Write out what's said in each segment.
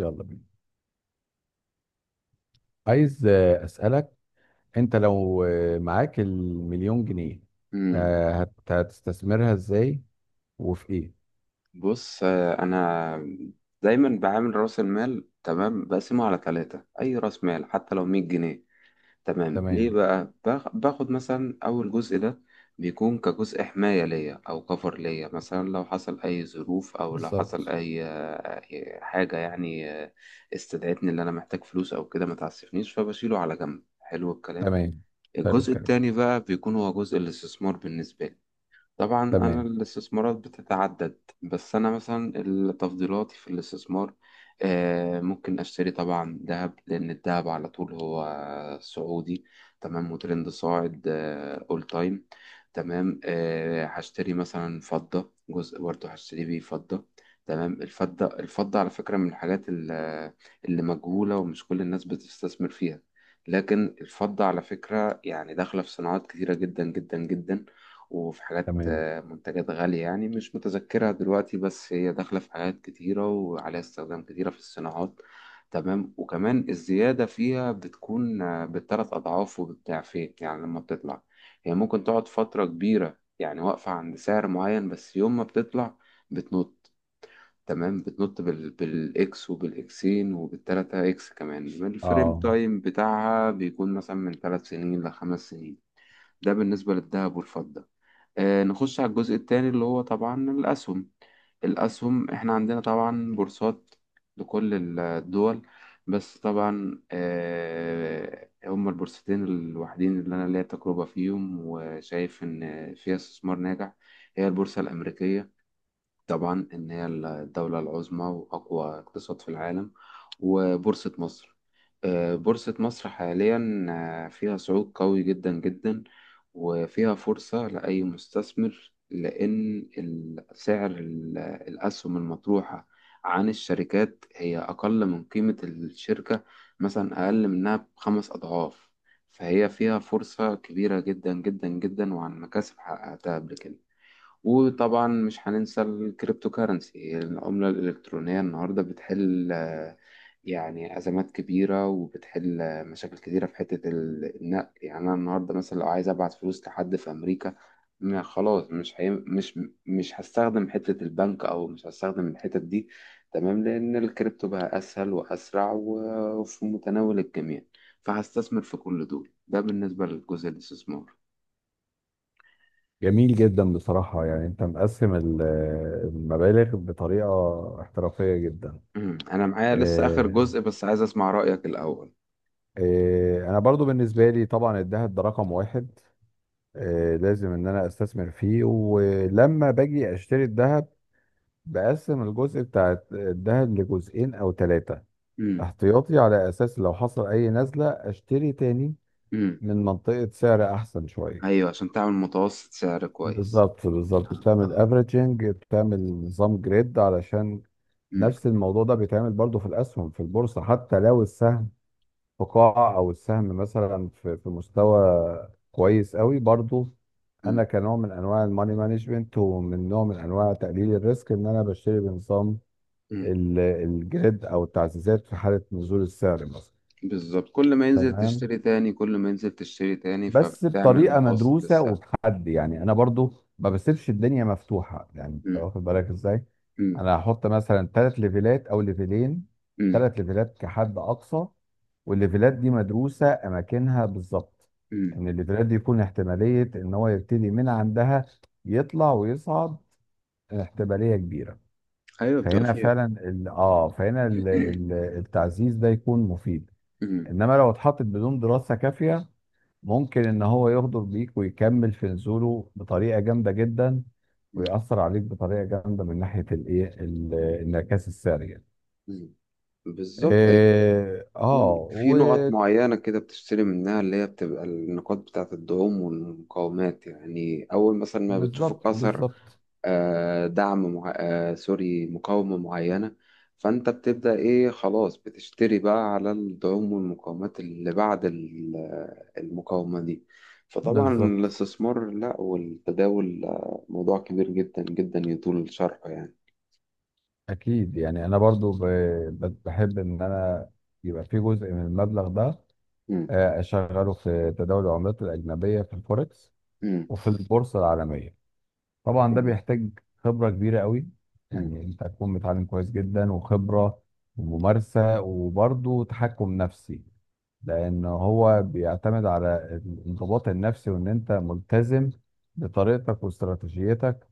يلا بينا. عايز أسألك، أنت لو معاك المليون جنيه، امم هتستثمرها إزاي وفي إيه؟ بص، انا دايما بعامل راس المال. تمام، بقسمه على ثلاثة اي راس مال حتى لو 100 جنيه. تمام، ليه تمام. بقى؟ باخد مثلا اول جزء ده. بيكون كجزء حماية ليا او كفر ليا، مثلا لو حصل اي ظروف او لو حصل بالظبط. اي أي حاجة، يعني استدعتني اللي انا محتاج فلوس او كده، ما تعسفنيش، فبشيله على جنب. حلو الكلام. تمام. حلو الجزء الكلام. التاني بقى بيكون هو جزء الاستثمار بالنسبة لي. طبعا أنا تمام. الاستثمارات بتتعدد، بس أنا مثلا تفضيلاتي في الاستثمار ممكن أشتري طبعا ذهب، لأن الذهب على طول هو صعودي. تمام، وترند صاعد. أول تايم. تمام، هشتري مثلا فضة. جزء برضه هشتري بيه فضة. تمام، الفضة الفضة على فكرة من الحاجات اللي مجهولة ومش كل الناس بتستثمر فيها، لكن الفضة على فكرة يعني داخلة في صناعات كتيرة جدا جدا جدا. وفي حاجات، تمام. منتجات غالية يعني، مش متذكرها دلوقتي، بس هي داخلة في حاجات كتيرة وعليها استخدام كتيرة في الصناعات. تمام، وكمان الزيادة فيها بتكون بالتلات أضعاف وبالضعفين. يعني لما بتطلع، هي ممكن تقعد فترة كبيرة يعني واقفة عند سعر معين، بس يوم ما بتطلع بتنط. تمام، بتنط بالإكس وبالإكسين وبالتلاتة إكس. كمان الفريم آه. تايم بتاعها بيكون مثلا من 3 سنين ل5 سنين. ده بالنسبة للذهب والفضة. نخش على الجزء التاني اللي هو طبعا الأسهم. الأسهم إحنا عندنا طبعا بورصات لكل الدول، بس طبعا هما البورصتين الوحيدين اللي أنا ليا تجربة فيهم وشايف إن فيها استثمار ناجح. هي البورصة الأمريكية، طبعا إن هي الدولة العظمى وأقوى اقتصاد في العالم. وبورصة مصر. بورصة مصر حاليا فيها صعود قوي جدا جدا، وفيها فرصة لأي مستثمر، لأن سعر الأسهم المطروحة عن الشركات هي أقل من قيمة الشركة، مثلا أقل منها بخمس أضعاف. فهي فيها فرصة كبيرة جدا جدا جدا، وعن مكاسب حققتها قبل كده. وطبعا مش هننسى الكريبتو كارنسي، العملة الإلكترونية النهاردة بتحل يعني أزمات كبيرة، وبتحل مشاكل كتيرة في حتة النقل. يعني أنا النهاردة مثلا لو عايز أبعت فلوس لحد في أمريكا، ما خلاص مش هي... مش مش هستخدم حتة البنك، أو مش هستخدم الحتة دي. تمام، لأن الكريبتو بقى أسهل وأسرع وفي متناول الجميع. فهستثمر في كل دول. ده بالنسبة للجزء الاستثمار. جميل جدا بصراحة، يعني أنت مقسم المبالغ بطريقة احترافية جدا. انا معايا لسه اخر آه، جزء، بس عايز اسمع رأيك الاول. أنا برضو بالنسبة لي طبعا الذهب ده رقم واحد. لازم إن أنا أستثمر فيه. ولما باجي أشتري الذهب بقسم الجزء بتاع الذهب لجزئين او ثلاثة، امم. احتياطي على اساس لو حصل اي نزلة اشتري تاني امم. من منطقة سعر احسن شوية. ايوه، عشان تعمل متوسط سعر كويس. بالظبط. بالظبط اه. بتعمل آه. افريجنج، بتعمل نظام جريد، علشان امم. نفس الموضوع ده بيتعمل برضو في الاسهم في البورصة. حتى لو السهم في قاعة، او السهم مثلا في مستوى كويس قوي، برضو انا امم. كنوع من انواع الماني مانجمنت ومن نوع من انواع تقليل الريسك، ان انا بشتري بنظام امم. الجريد او التعزيزات في حاله نزول السعر مثلا. بالظبط، كل ما ينزل تمام. تشتري تاني، كل ما ينزل تشتري تاني، بس فبتعمل بطريقه متوسط مدروسه للسعر. وبحد، يعني انا برضو ما بسيبش الدنيا مفتوحه، يعني انت امم. واخد بالك ازاي. امم. انا هحط مثلا ثلاث ليفلات او ليفلين، امم. ثلاث ليفلات كحد اقصى، والليفلات دي مدروسه اماكنها بالظبط، أمم. ان الليفلات دي يكون احتماليه ان هو يبتدي من عندها، يطلع ويصعد، احتماليه كبيره. ايوه بتبقى فهنا فعلا فيه. ال... اه فهنا ال... ال... التعزيز ده يكون مفيد. امم. انما لو اتحطت بدون دراسه كافيه، ممكن ان هو يغدر بيك ويكمل في نزوله بطريقه جامده جدا، أمم. ويأثر عليك بطريقه جامده من ناحيه الانعكاس السريع. مم. بالظبط، هي اه في في نقط آه، معينة كده بتشتري منها، اللي هي بتبقى النقاط بتاعة الدعوم والمقاومات. يعني أول مثلا ما بتشوف وبالظبط. الكسر بالظبط دعم مع... سوري، مقاومة معينة، فأنت بتبدأ إيه؟ خلاص بتشتري بقى على الدعوم والمقاومات اللي بعد المقاومة دي. فطبعا بالظبط الاستثمار لا، والتداول موضوع كبير جدا جدا يطول شرحه يعني. اكيد. يعني انا برضو بحب ان انا يبقى في جزء من المبلغ ده، مم. اشغله في تداول العملات الاجنبيه في الفوركس مم. وفي البورصة العالمية. طبعا ده جميل. بيحتاج خبرة كبيرة قوي، مم. يعني انت هتكون متعلم كويس جدا، وخبرة وممارسة وبرضه تحكم نفسي، لان هو بيعتمد على الانضباط النفسي وان انت ملتزم بطريقتك واستراتيجيتك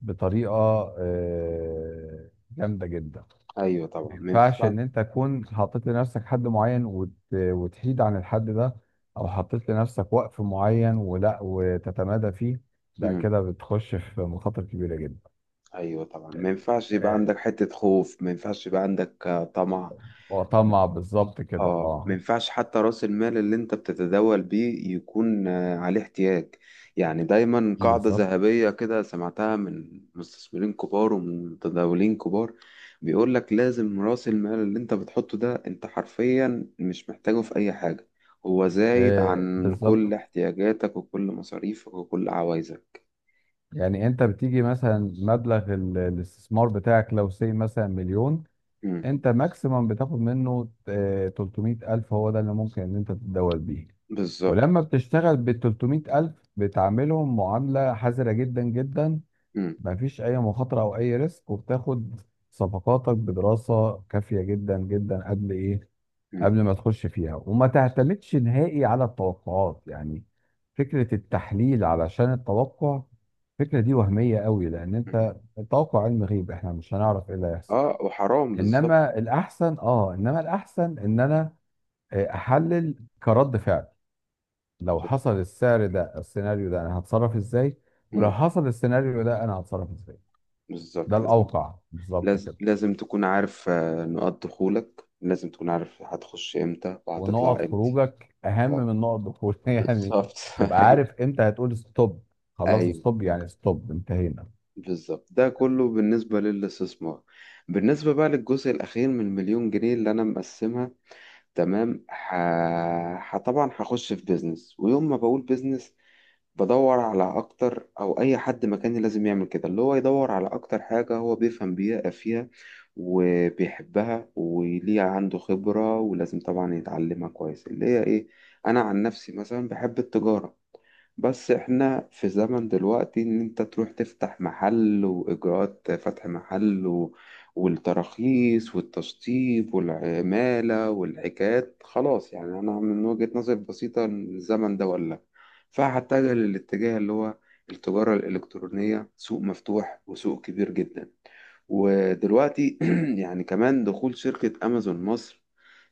بطريقة جامدة جدا. أيوه ما طبعا ما ينفعش ينفع-. ان انت تكون حطيت لنفسك حد معين وتحيد عن الحد ده، او حطيت لنفسك وقف معين ولا وتتمادى فيه. لا، مم. كده بتخش في مخاطر كبيره جدا. أيوه طبعا، ما ينفعش يبقى آه، عندك حتة خوف، ما ينفعش يبقى عندك طمع. وطمع، بالظبط كده. اه، ما اه ينفعش حتى راس المال اللي انت بتتداول بيه يكون عليه احتياج. يعني دايما قاعدة بالظبط ذهبية كده سمعتها من مستثمرين كبار ومن متداولين كبار، بيقول لك لازم راس المال اللي انت بتحطه ده انت حرفيا مش محتاجه في اي حاجة. هو زايد عن كل بالظبط. احتياجاتك وكل مصاريفك وكل عوايزك. يعني انت بتيجي مثلا مبلغ الاستثمار بتاعك لو سي مثلا مليون، مم. انت ماكسيمم بتاخد منه 300 الف، هو ده اللي ممكن ان انت تتداول بيه. بالظبط. ولما بتشتغل بال 300,000 بتعاملهم معاملة حذرة جدا جدا، مم. مفيش أي مخاطرة أو أي ريسك. وبتاخد صفقاتك بدراسة كافية جدا جدا قبل إيه، مم. قبل ما تخش فيها. وما تعتمدش نهائي على التوقعات، يعني فكرة التحليل علشان التوقع، الفكرة دي وهمية قوي، لأن مم. أنت التوقع علم غيب، إحنا مش هنعرف إيه اللي هيحصل. اه، وحرام، بالظبط. إنما الأحسن إن أنا أحلل كرد فعل، لو حصل السعر ده السيناريو ده انا هتصرف ازاي، ولو مم. حصل السيناريو ده انا هتصرف ازاي. ده بالظبط. الاوقع بالظبط كده. لازم تكون عارف نقاط دخولك، لازم تكون عارف هتخش امتى وهتطلع ونقط امتى. خروجك اهم اه. من نقط دخولك يعني، بالظبط. تبقى ايوه. عارف امتى هتقول ستوب. خلاص ايوه. ستوب يعني، ستوب، انتهينا. بالظبط، ده كله بالنسبة للاستثمار. بالنسبة بقى للجزء الأخير من المليون جنيه اللي أنا مقسمها. تمام، طبعا هخش في بيزنس. ويوم ما بقول بيزنس، بدور على اكتر، او اي حد مكاني لازم يعمل كده، اللي هو يدور على اكتر حاجة هو بيفهم بيها فيها وبيحبها وليه عنده خبرة، ولازم طبعا يتعلمها كويس. اللي هي ايه؟ انا عن نفسي مثلا بحب التجارة. بس احنا في زمن دلوقتي ان انت تروح تفتح محل، واجراءات فتح محل والتراخيص والتشطيب والعمالة والحكايات، خلاص يعني انا من وجهة نظري بسيطة إن الزمن ده ولا. فهتجه للاتجاه اللي هو التجارة الإلكترونية. سوق مفتوح وسوق كبير جدا. ودلوقتي يعني كمان دخول شركة أمازون مصر،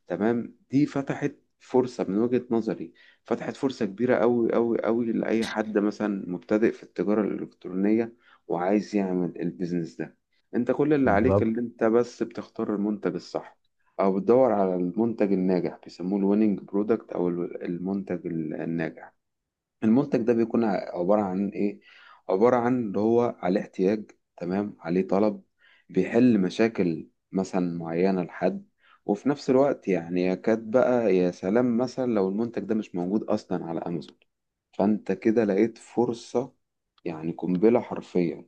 تمام، دي فتحت فرصة من وجهة نظري. فتحت فرصة كبيرة أوي أوي أوي لأي حد مثلا مبتدئ في التجارة الإلكترونية وعايز يعمل البيزنس ده. أنت كل اللي عليك بالظبط. اللي أنت بس بتختار المنتج الصح، أو بتدور على المنتج الناجح، بيسموه الويننج برودكت أو المنتج الناجح. المنتج ده بيكون عبارة عن إيه؟ عبارة عن اللي هو عليه احتياج، تمام، عليه طلب، بيحل مشاكل مثلا معينة لحد، وفي نفس الوقت يعني يكاد بقى، يا سلام مثلا لو المنتج ده مش موجود أصلا على أمازون، فأنت كده لقيت فرصة يعني، قنبلة حرفيا.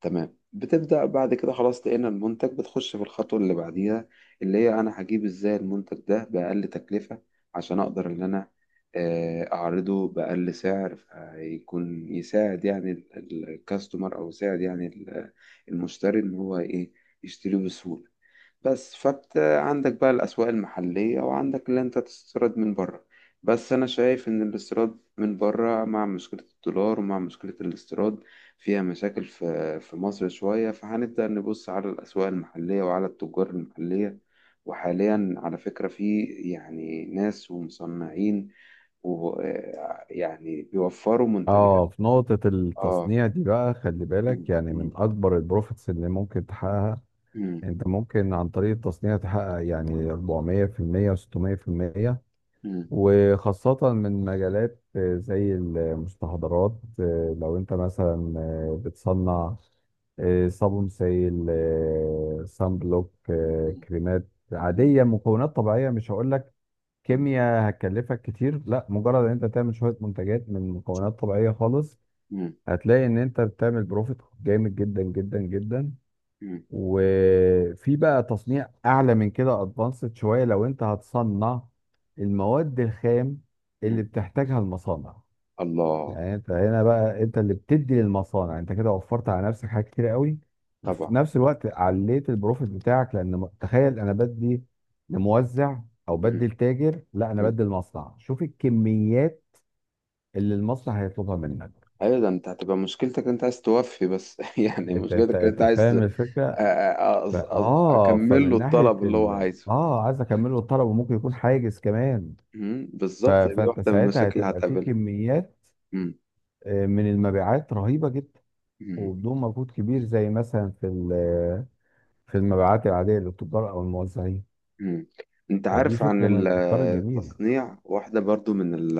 تمام، بتبدأ بعد كده خلاص، لقينا المنتج، بتخش في الخطوة اللي بعديها، اللي هي أنا هجيب إزاي المنتج ده بأقل تكلفة، عشان أقدر إن أنا أعرضه بأقل سعر، فيكون يساعد يعني الكاستمر، أو يساعد يعني المشتري، إن هو إيه؟ يشتريه بسهولة. بس فانت عندك بقى الأسواق المحلية، وعندك اللي انت تستورد من بره. بس أنا شايف إن الاستيراد من بره مع مشكلة الدولار ومع مشكلة الاستيراد فيها مشاكل في مصر شوية. فهنبدأ نبص على الأسواق المحلية وعلى التجار المحلية. وحاليا على فكرة في يعني ناس ومصنعين و يعني بيوفروا منتجات. اه، في نقطة اه. التصنيع دي بقى خلي مم. بالك، يعني من مم. أكبر البروفيتس اللي ممكن تحققها. مم. أنت ممكن عن طريق التصنيع تحقق يعني 400% و600%، مم. وخاصة من مجالات زي المستحضرات. لو انت مثلا بتصنع صابون سائل، صن بلوك، كريمات مم. عادية، مكونات طبيعية، مش هقول لك مم. كيمياء هتكلفك كتير، لا، مجرد ان انت تعمل شوية منتجات من مكونات طبيعية خالص، مم. هتلاقي ان انت بتعمل بروفيت جامد جدا جدا جدا. وفي بقى تصنيع اعلى من كده، ادفانسد شويه، لو انت هتصنع المواد الخام مم. اللي بتحتاجها المصانع. الله. يعني انت هنا بقى انت اللي بتدي للمصانع، انت كده وفرت على نفسك حاجات كتير قوي، طبعا. وفي نفس الوقت عليت البروفيت بتاعك. لان تخيل، انا بدي لموزع او بدي مم. لتاجر، لا، انا مم. بدي لمصنع. شوف الكميات اللي المصنع هيطلبها منك. ايوه، ده انت هتبقى مشكلتك انت عايز توفي بس يعني، انت انت مشكلتك انت انت عايز فاهم الفكره. اكمل له فمن ناحيه الطلب اللي هو ال... عايزه. اه عايز اكمله الطلب، وممكن يكون حاجز كمان. مم. بالظبط، دي فانت واحده من ساعتها المشاكل اللي هتبقى في هتقابلها. كميات مم. من المبيعات رهيبه جدا، مم. وبدون مجهود كبير، زي مثلا في المبيعات العاديه للتجار او الموزعين. مم. انت فدي عارف عن فكره من الافكار الجميله. التصنيع؟ واحده برضو من ال-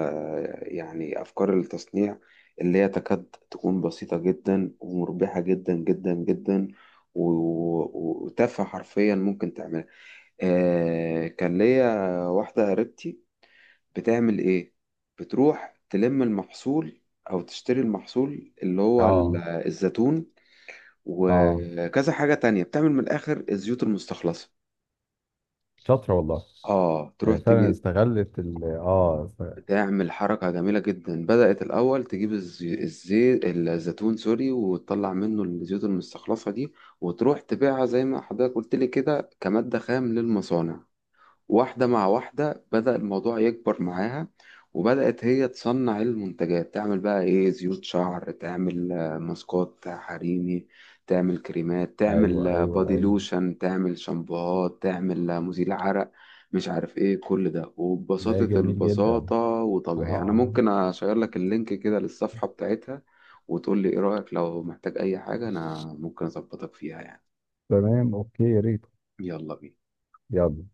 يعني افكار التصنيع اللي هي تكاد تكون بسيطه جدا ومربحه جدا جدا جدا و- وتافهه حرفيا ممكن تعملها. آه كان ليا واحدة قريبتي، بتعمل إيه؟ بتروح تلم المحصول أو تشتري المحصول اللي هو اه الزيتون اه. وكذا حاجة تانية، بتعمل من الآخر الزيوت المستخلصة. شاطره والله. آه، تروح فعلا تجي استغلت بتعمل حركة جميلة جدا. بدأت الأول تجيب الزيتون، سوري، وتطلع منه الزيوت المستخلصة دي، وتروح تبيعها زي ما حضرتك قلت لي كده كمادة خام للمصانع. واحدة مع واحدة بدأ الموضوع يكبر معاها، وبدأت هي تصنع المنتجات. تعمل بقى إيه؟ زيوت شعر، تعمل ماسكات حريمي، تعمل كريمات، تعمل ايوه ايوه بودي ايوه. لوشن، تعمل شامبوهات، تعمل مزيل عرق، مش عارف إيه كل ده. ده وببساطة جميل جدا. البساطة. اه وطبيعي أنا اه. ممكن أشير لك اللينك كده للصفحة بتاعتها، وتقول لي إيه رأيك. لو محتاج أي حاجة أنا ممكن أظبطك فيها يعني. تمام، اوكي، يا ريت. يلا بينا. يلا.